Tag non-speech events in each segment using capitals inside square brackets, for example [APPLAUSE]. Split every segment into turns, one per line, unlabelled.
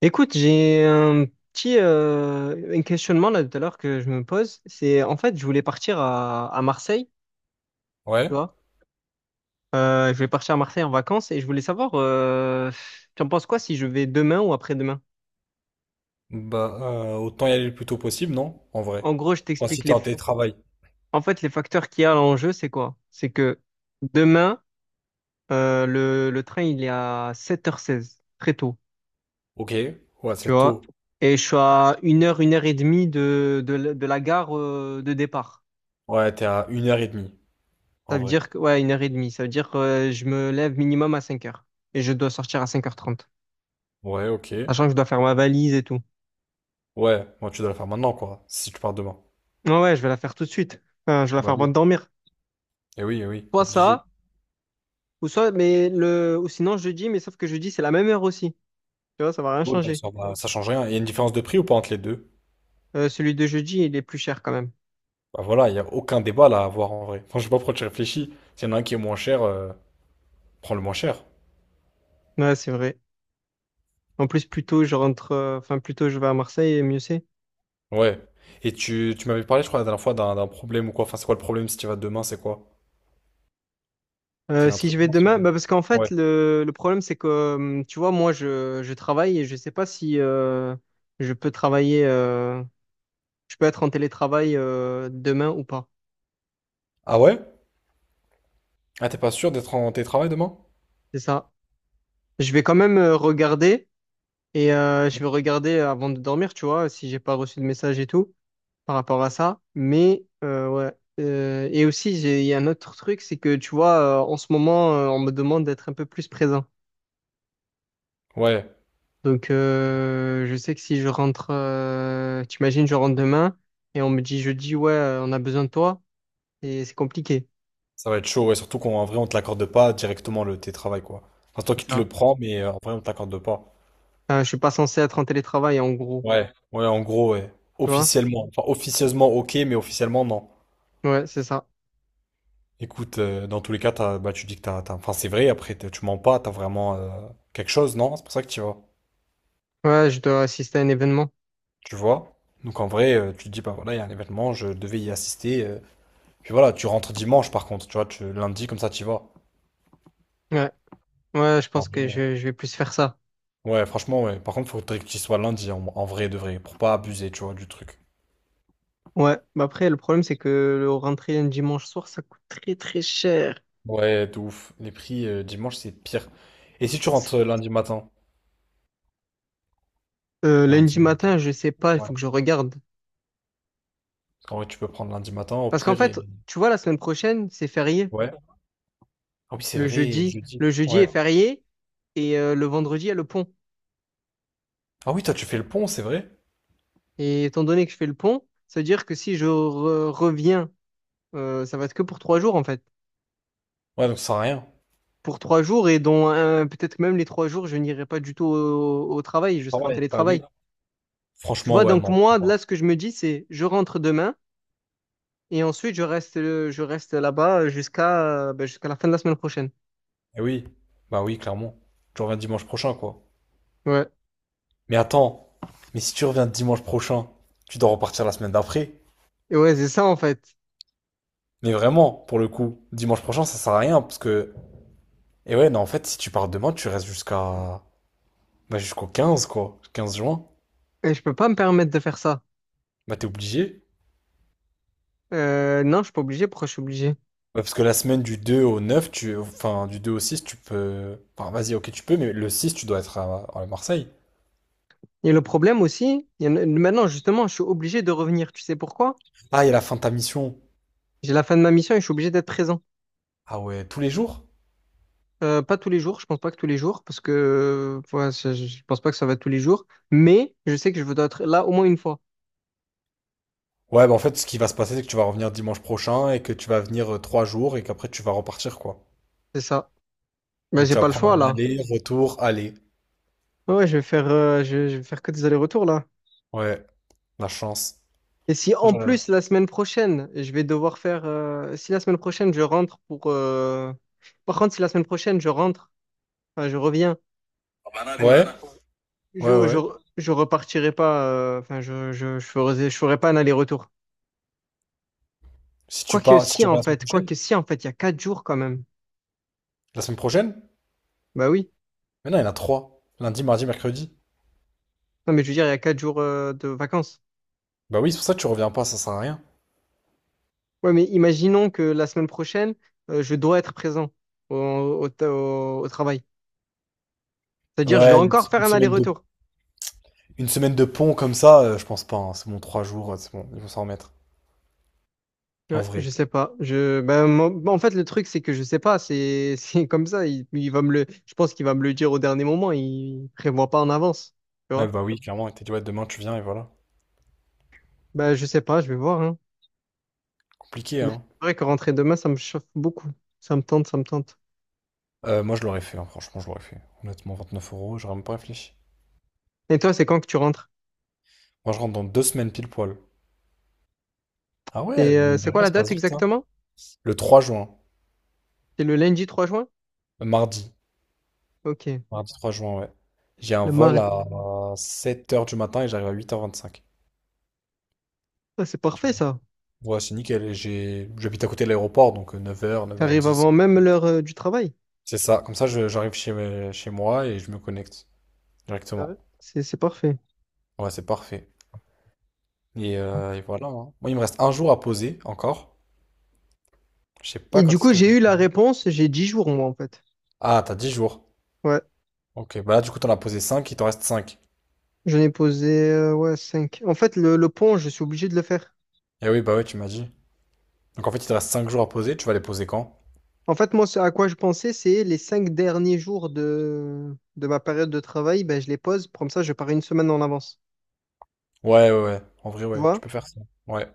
Écoute, j'ai un petit un questionnement là tout à l'heure que je me pose. C'est en fait, je voulais partir à Marseille, tu
Ouais,
vois. Je voulais partir à Marseille en vacances et je voulais savoir, tu en penses quoi si je vais demain ou après-demain?
bah autant y aller le plus tôt possible, non? En vrai.
En gros, je
Enfin, si
t'explique
t'es en télétravail.
en fait, les facteurs qu'il y a en jeu, c'est quoi? C'est que demain, le train, il est à 7h16, très tôt,
Ok, ouais,
tu
c'est tôt.
vois. Et je suis à 1h, 1h30 de la gare de départ.
Ouais, t'es à une heure et demie, en
Ça veut
vrai.
dire que, ouais, une heure et demie. Ça veut dire que je me lève minimum à 5 heures. Et je dois sortir à 5 heures 30.
Ouais, ok.
Sachant que je dois faire ma valise et tout.
Ouais, moi tu dois le faire maintenant, quoi, si tu pars demain.
Ouais, ouais, je vais la faire tout de suite. Enfin, je vais la
Bah
faire avant de
oui.
dormir.
Eh oui, eh oui,
Soit
obligé.
ça, ou soit, ou sinon jeudi, mais sauf que jeudi, c'est la même heure aussi. Tu vois, ça va rien
Ouais, bah,
changer.
ça change rien. Il y a une différence de prix ou pas entre les deux?
Celui de jeudi, il est plus cher quand même.
Bah voilà, il n'y a aucun débat là à avoir en vrai. Enfin, je sais pas pourquoi tu réfléchis. S'il y en a un qui est moins cher, prends le moins cher.
Ouais, c'est vrai. En plus, plus tôt, je rentre, enfin, plus tôt, je vais à Marseille, et mieux c'est.
Ouais. Et tu m'avais parlé, je crois, la dernière fois d'un problème ou quoi. Enfin, c'est quoi le problème si tu vas demain, c'est quoi? T'y a un
Si
truc,
je vais
non?
demain, bah parce qu'en fait,
Ouais.
le problème, c'est que, tu vois, moi, je travaille et je sais pas si je peux travailler. Je peux être en télétravail demain ou pas.
Ah ouais? Ah, t'es pas sûr d'être en télétravail demain?
C'est ça. Je vais quand même regarder et je vais regarder avant de dormir, tu vois, si j'ai pas reçu de message et tout par rapport à ça. Mais ouais. Et aussi, il y a un autre truc, c'est que tu vois, en ce moment, on me demande d'être un peu plus présent.
Ouais,
Donc, je sais que si je rentre, t'imagines, je rentre demain et on me dit jeudi, ouais, on a besoin de toi et c'est compliqué.
ça va être chaud, ouais, surtout qu'en vrai, on te l'accorde pas directement le télétravail, quoi. Enfin, toi
C'est
qui te le
ça.
prends, mais en vrai, on t'accorde pas.
Enfin, je suis pas censé être en télétravail en gros,
Ouais, ouais, en gros, ouais.
tu vois?
Officiellement. Enfin, officieusement, ok, mais officiellement, non.
Ouais, c'est ça.
Écoute, dans tous les cas, bah, tu dis que Enfin, c'est vrai, après, tu mens pas, t'as vraiment quelque chose, non? C'est pour ça que tu vas.
Ouais, je dois assister à un événement.
Tu vois? Donc, en vrai, tu te dis, bah voilà, il y a un événement, je devais y assister. Puis voilà, tu rentres dimanche, par contre, tu vois, tu, lundi, comme ça, tu y vas.
Ouais, ouais, je pense que je vais plus faire ça.
Ouais, franchement, ouais. Par contre, faudrait qu'il soit lundi en vrai de vrai, pour pas abuser, tu vois, du truc.
Ouais, bah après, le problème, c'est que le rentrer un dimanche soir, ça coûte très très cher.
Ouais, de ouf. Les prix dimanche, c'est pire. Et si tu rentres lundi matin? Lundi
Lundi matin,
matin.
je sais pas, il
Ouais.
faut que je regarde.
Parce qu'en vrai, tu peux prendre lundi matin, au
Parce qu'en
pire,
fait,
et...
tu vois, la semaine prochaine, c'est férié.
Ouais. Ah oui, c'est
Le
vrai, et
jeudi,
jeudi.
le jeudi est
Ouais.
férié et le vendredi, il y a le pont.
Ah oui, toi, tu fais le pont, c'est vrai?
Et étant donné que je fais le pont, ça veut dire que si je reviens, ça va être que pour 3 jours en fait.
Ouais, donc ça sert à rien.
Pour trois jours et dont un- peut-être même les 3 jours, je n'irai pas du tout au travail, je
Ah
serai en
ouais, bah oui.
télétravail. Tu
Franchement,
vois,
ouais,
donc
non.
moi, là, ce que je me dis, c'est je rentre demain et ensuite je reste là-bas jusqu'à ben, jusqu'à la fin de la semaine prochaine.
Et oui. Bah oui, clairement. Tu reviens dimanche prochain, quoi.
Ouais.
Mais attends. Mais si tu reviens dimanche prochain, tu dois repartir la semaine d'après.
Et ouais, c'est ça en fait.
Mais vraiment, pour le coup, dimanche prochain, ça sert à rien parce que. Et ouais, non, en fait, si tu pars demain, tu restes jusqu'à. Bah, jusqu'au 15, quoi. 15 juin.
Et je peux pas me permettre de faire ça.
Bah, t'es obligé.
Non, je suis pas obligé. Pourquoi je suis obligé?
Ouais, parce que la semaine du 2 au 9, tu. Enfin, du 2 au 6, tu peux. Enfin, vas-y, ok, tu peux, mais le 6, tu dois être à Marseille.
Et le problème aussi, il y en a- maintenant justement, je suis obligé de revenir. Tu sais pourquoi?
Ah, il y a la fin de ta mission.
J'ai la fin de ma mission et je suis obligé d'être présent.
Ah ouais, tous les jours?
Pas tous les jours, je pense pas que tous les jours, parce que ouais, je pense pas que ça va être tous les jours. Mais je sais que je dois être là au moins une fois.
Ouais, bah, en fait, ce qui va se passer, c'est que tu vas revenir dimanche prochain et que tu vas venir 3 jours et qu'après, tu vas repartir, quoi.
C'est ça. Ben,
Donc,
j'ai
tu vas
pas le
prendre
choix
un
là.
aller, retour, aller.
Ouais, ouais, je vais faire, je vais faire que des allers-retours là.
Ouais, la chance.
Et si en
Ouais.
plus la semaine prochaine, je vais devoir faire. Si la semaine prochaine je rentre pour. Euh, par contre, si la semaine prochaine je rentre, enfin je reviens, pour...
Ouais,
je, je,
ouais.
je repartirai pas. Euh, enfin, je ferai pas un aller-retour.
Si tu
Quoique
pars, si
si
tu
en
reviens
fait, quoique si en fait, il y a 4 jours quand même.
la semaine prochaine,
Bah oui.
mais non, il y en a trois. Lundi, mardi, mercredi.
Non, mais je veux dire, il y a quatre jours de vacances.
Bah oui, c'est pour ça que tu reviens pas, ça sert à rien.
Ouais, mais imaginons que la semaine prochaine, je dois être présent au travail. C'est-à-dire, je vais
Ouais,
encore faire
une
un
semaine de,
aller-retour.
une semaine de pont comme ça, je pense pas. Hein. C'est bon, 3 jours, c'est bon, ils vont s'en remettre. En
Ouais,
vrai.
je sais pas. En fait, le truc, c'est que je sais pas. C'est, [LAUGHS] c'est comme ça. Il va me le, je pense qu'il va me le dire au dernier moment. Il prévoit pas en avance. Tu
Ouais,
vois?
bah oui, clairement, il t'a dit, ouais, demain tu viens et voilà.
Ben, je sais pas. Je vais voir, hein.
Compliqué,
Mais c'est
hein.
vrai que rentrer demain, ça me chauffe beaucoup. Ça me tente, ça me tente.
Moi, je l'aurais fait, hein, franchement, je l'aurais fait. Honnêtement, 29 euros, j'aurais même pas réfléchi.
Et toi, c'est quand que tu rentres?
Moi, je rentre dans 2 semaines pile poil. Ah ouais,
Et
mine
c'est
de
quoi
rien,
la
ça
date
passe vite, hein.
exactement?
Le 3 juin,
C'est le lundi 3 juin?
mardi.
Ok.
Mardi 3 juin, ouais. J'ai un
Le
vol
mardi.
à 7 heures du matin et j'arrive à 8h25.
Ah, c'est parfait, ça.
Ouais, c'est nickel. Et j'habite à côté de l'aéroport, donc neuf heures neuf heures
T'arrives
dix
avant même l'heure du travail.
C'est ça. Comme ça, j'arrive chez moi et je me connecte
Ah ouais.
directement.
C'est parfait.
Ouais, c'est parfait. Et voilà. Hein. Moi, il me reste un jour à poser encore. Je sais pas
Et
quand
du
est-ce
coup,
que je.
j'ai eu la réponse. J'ai 10 jours, moi, en fait.
Ah, t'as 10 jours.
Ouais.
Ok, bah là, du coup, t'en as posé cinq, il t'en reste cinq.
J'en ai posé ouais, 5. En fait, le pont, je suis obligé de le faire.
Eh oui, bah ouais, tu m'as dit. Donc en fait, il te reste 5 jours à poser. Tu vas les poser quand?
En fait, moi, ce à quoi je pensais, c'est les cinq derniers jours de ma période de travail, ben, je les pose. Comme ça, je pars une semaine en avance.
Ouais, ouais, ouais. En vrai,
Tu
ouais, tu
vois?
peux faire ça. Ouais.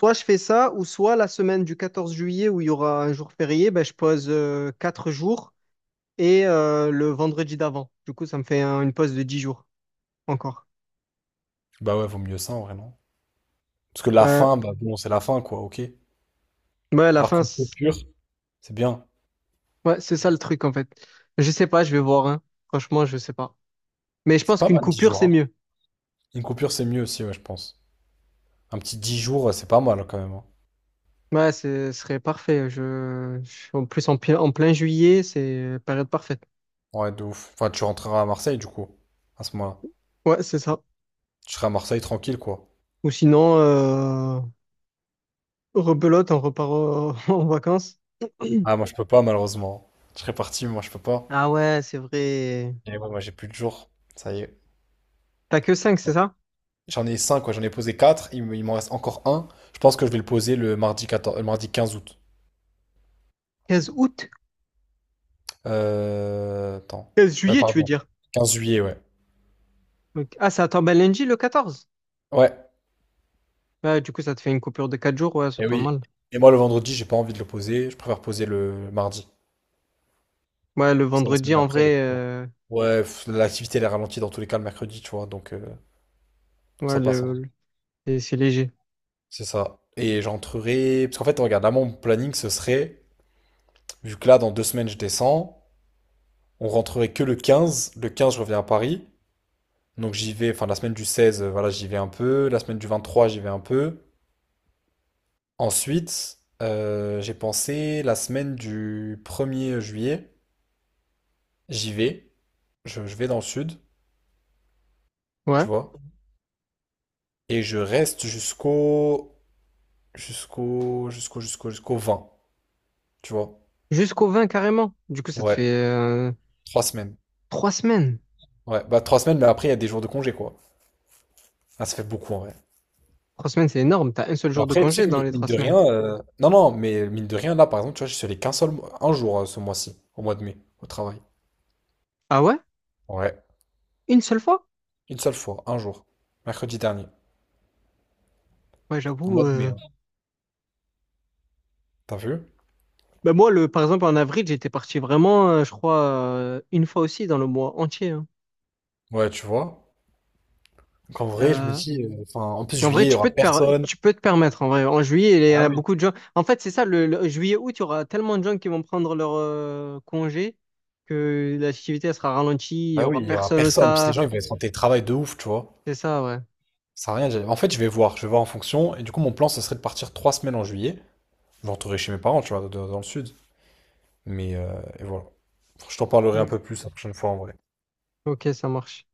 Soit je fais ça, ou soit la semaine du 14 juillet, où il y aura un jour férié, ben, je pose 4 jours et le vendredi d'avant. Du coup, ça me fait une pause de 10 jours encore.
Bah ouais, vaut mieux ça, en vrai, non? Parce que la
Ouais,
fin, bah bon, c'est la fin, quoi, ok.
ouais, à la
Alors
fin,
qu'une
c'est-
coupure, c'est bien.
ouais, c'est ça le truc, en fait. Je sais pas, je vais voir, hein. Franchement, je sais pas. Mais je
C'est
pense
pas
qu'une
mal, 10
coupure,
jours,
c'est
hein.
mieux.
Une coupure, c'est mieux aussi, ouais, je pense. Un petit 10 jours, c'est pas mal quand même. Hein.
Ouais, ce serait parfait. En plus, en plein juillet, c'est période parfaite.
Ouais, de ouf. Enfin, tu rentreras à Marseille, du coup, à ce moment-là.
Ouais, c'est ça.
Tu seras à Marseille tranquille, quoi.
Ou sinon, rebelote, [LAUGHS] en vacances.
Ah, moi, je peux pas, malheureusement. Je serais parti, mais moi, je peux pas.
Ah ouais, c'est vrai.
Et ouais, moi, j'ai plus de jours. Ça y est.
T'as que 5
Ouais.
c'est ça?
J'en ai 5 quoi. J'en ai posé 4. Il m'en reste encore un. Je pense que je vais le poser le mardi 14, le mardi 15 août.
Quinze août?
Attends.
Quinze
Euh,
juillet, tu veux
pardon.
dire?
15 juillet, ouais.
Donc- ah, ça tombe à lundi, le 14.
Ouais.
Ouais, du coup, ça te fait une coupure de 4 jours. Ouais, c'est
Et
pas
oui.
mal.
Et moi, le vendredi, j'ai pas envie de le poser. Je préfère poser le mardi.
Ouais, le
C'est la
vendredi,
semaine
en
d'après.
vrai,
Ouais, pff, l'activité elle est ralentie dans tous les cas le mercredi, tu vois, donc
ouais,
ça passe. Hein.
le, le- c'est léger.
C'est ça. Et j'entrerai. Parce qu'en fait, regarde, là, mon planning, ce serait, vu que là, dans 2 semaines, je descends, on rentrerait que le 15. Le 15, je reviens à Paris. Donc j'y vais, enfin, la semaine du 16, voilà, j'y vais un peu. La semaine du 23, j'y vais un peu. Ensuite, j'ai pensé, la semaine du 1er juillet, j'y vais. Je vais dans le sud, tu
Ouais.
vois. Et je reste jusqu'au 20. Tu vois?
Jusqu'au 20 carrément. Du coup, ça te
Ouais,
fait
3 semaines.
3 semaines.
Ouais, bah 3 semaines, mais après, il y a des jours de congé, quoi. Ah, ça fait beaucoup, en vrai.
Trois semaines, c'est énorme. T'as un seul
Mais
jour de
après, tu sais
congé
que
dans les
mine
trois
de
semaines.
rien... Non, non, mais mine de rien, là, par exemple, tu vois, je suis allé qu'un seul... un jour ce mois-ci, au mois de mai, au travail.
Ah ouais?
Ouais,
Une seule fois?
une seule fois, un jour. Mercredi dernier,
Ouais,
au
j'avoue.
mois de mai.
Euh,
Hein. T'as vu?
bah moi, le... par exemple, en avril, j'étais parti vraiment, je crois, une fois aussi dans le mois entier, hein.
Ouais, tu vois? Donc, en vrai, je me
Euh,
dis... Enfin, en plus,
et en vrai,
juillet, il y aura personne.
tu peux te permettre. En vrai, en juillet, il y a beaucoup de gens. En fait, c'est ça, le juillet, août, il y aura tellement de gens qui vont prendre leur congé que l'activité elle sera ralentie, il y
Bah oui,
aura
il y aura
personne au
personne. Parce que les gens,
taf.
ils vont être en télétravail de ouf, tu vois.
C'est ça, ouais.
Ça sert à rien. En fait, je vais voir. Je vais voir en fonction. Et du coup, mon plan, ce serait de partir 3 semaines en juillet. Je rentrerai chez mes parents, tu vois, dans le sud. Mais et voilà. Je t'en parlerai un
Donc,
peu plus la prochaine fois en vrai.
ok, ça marche.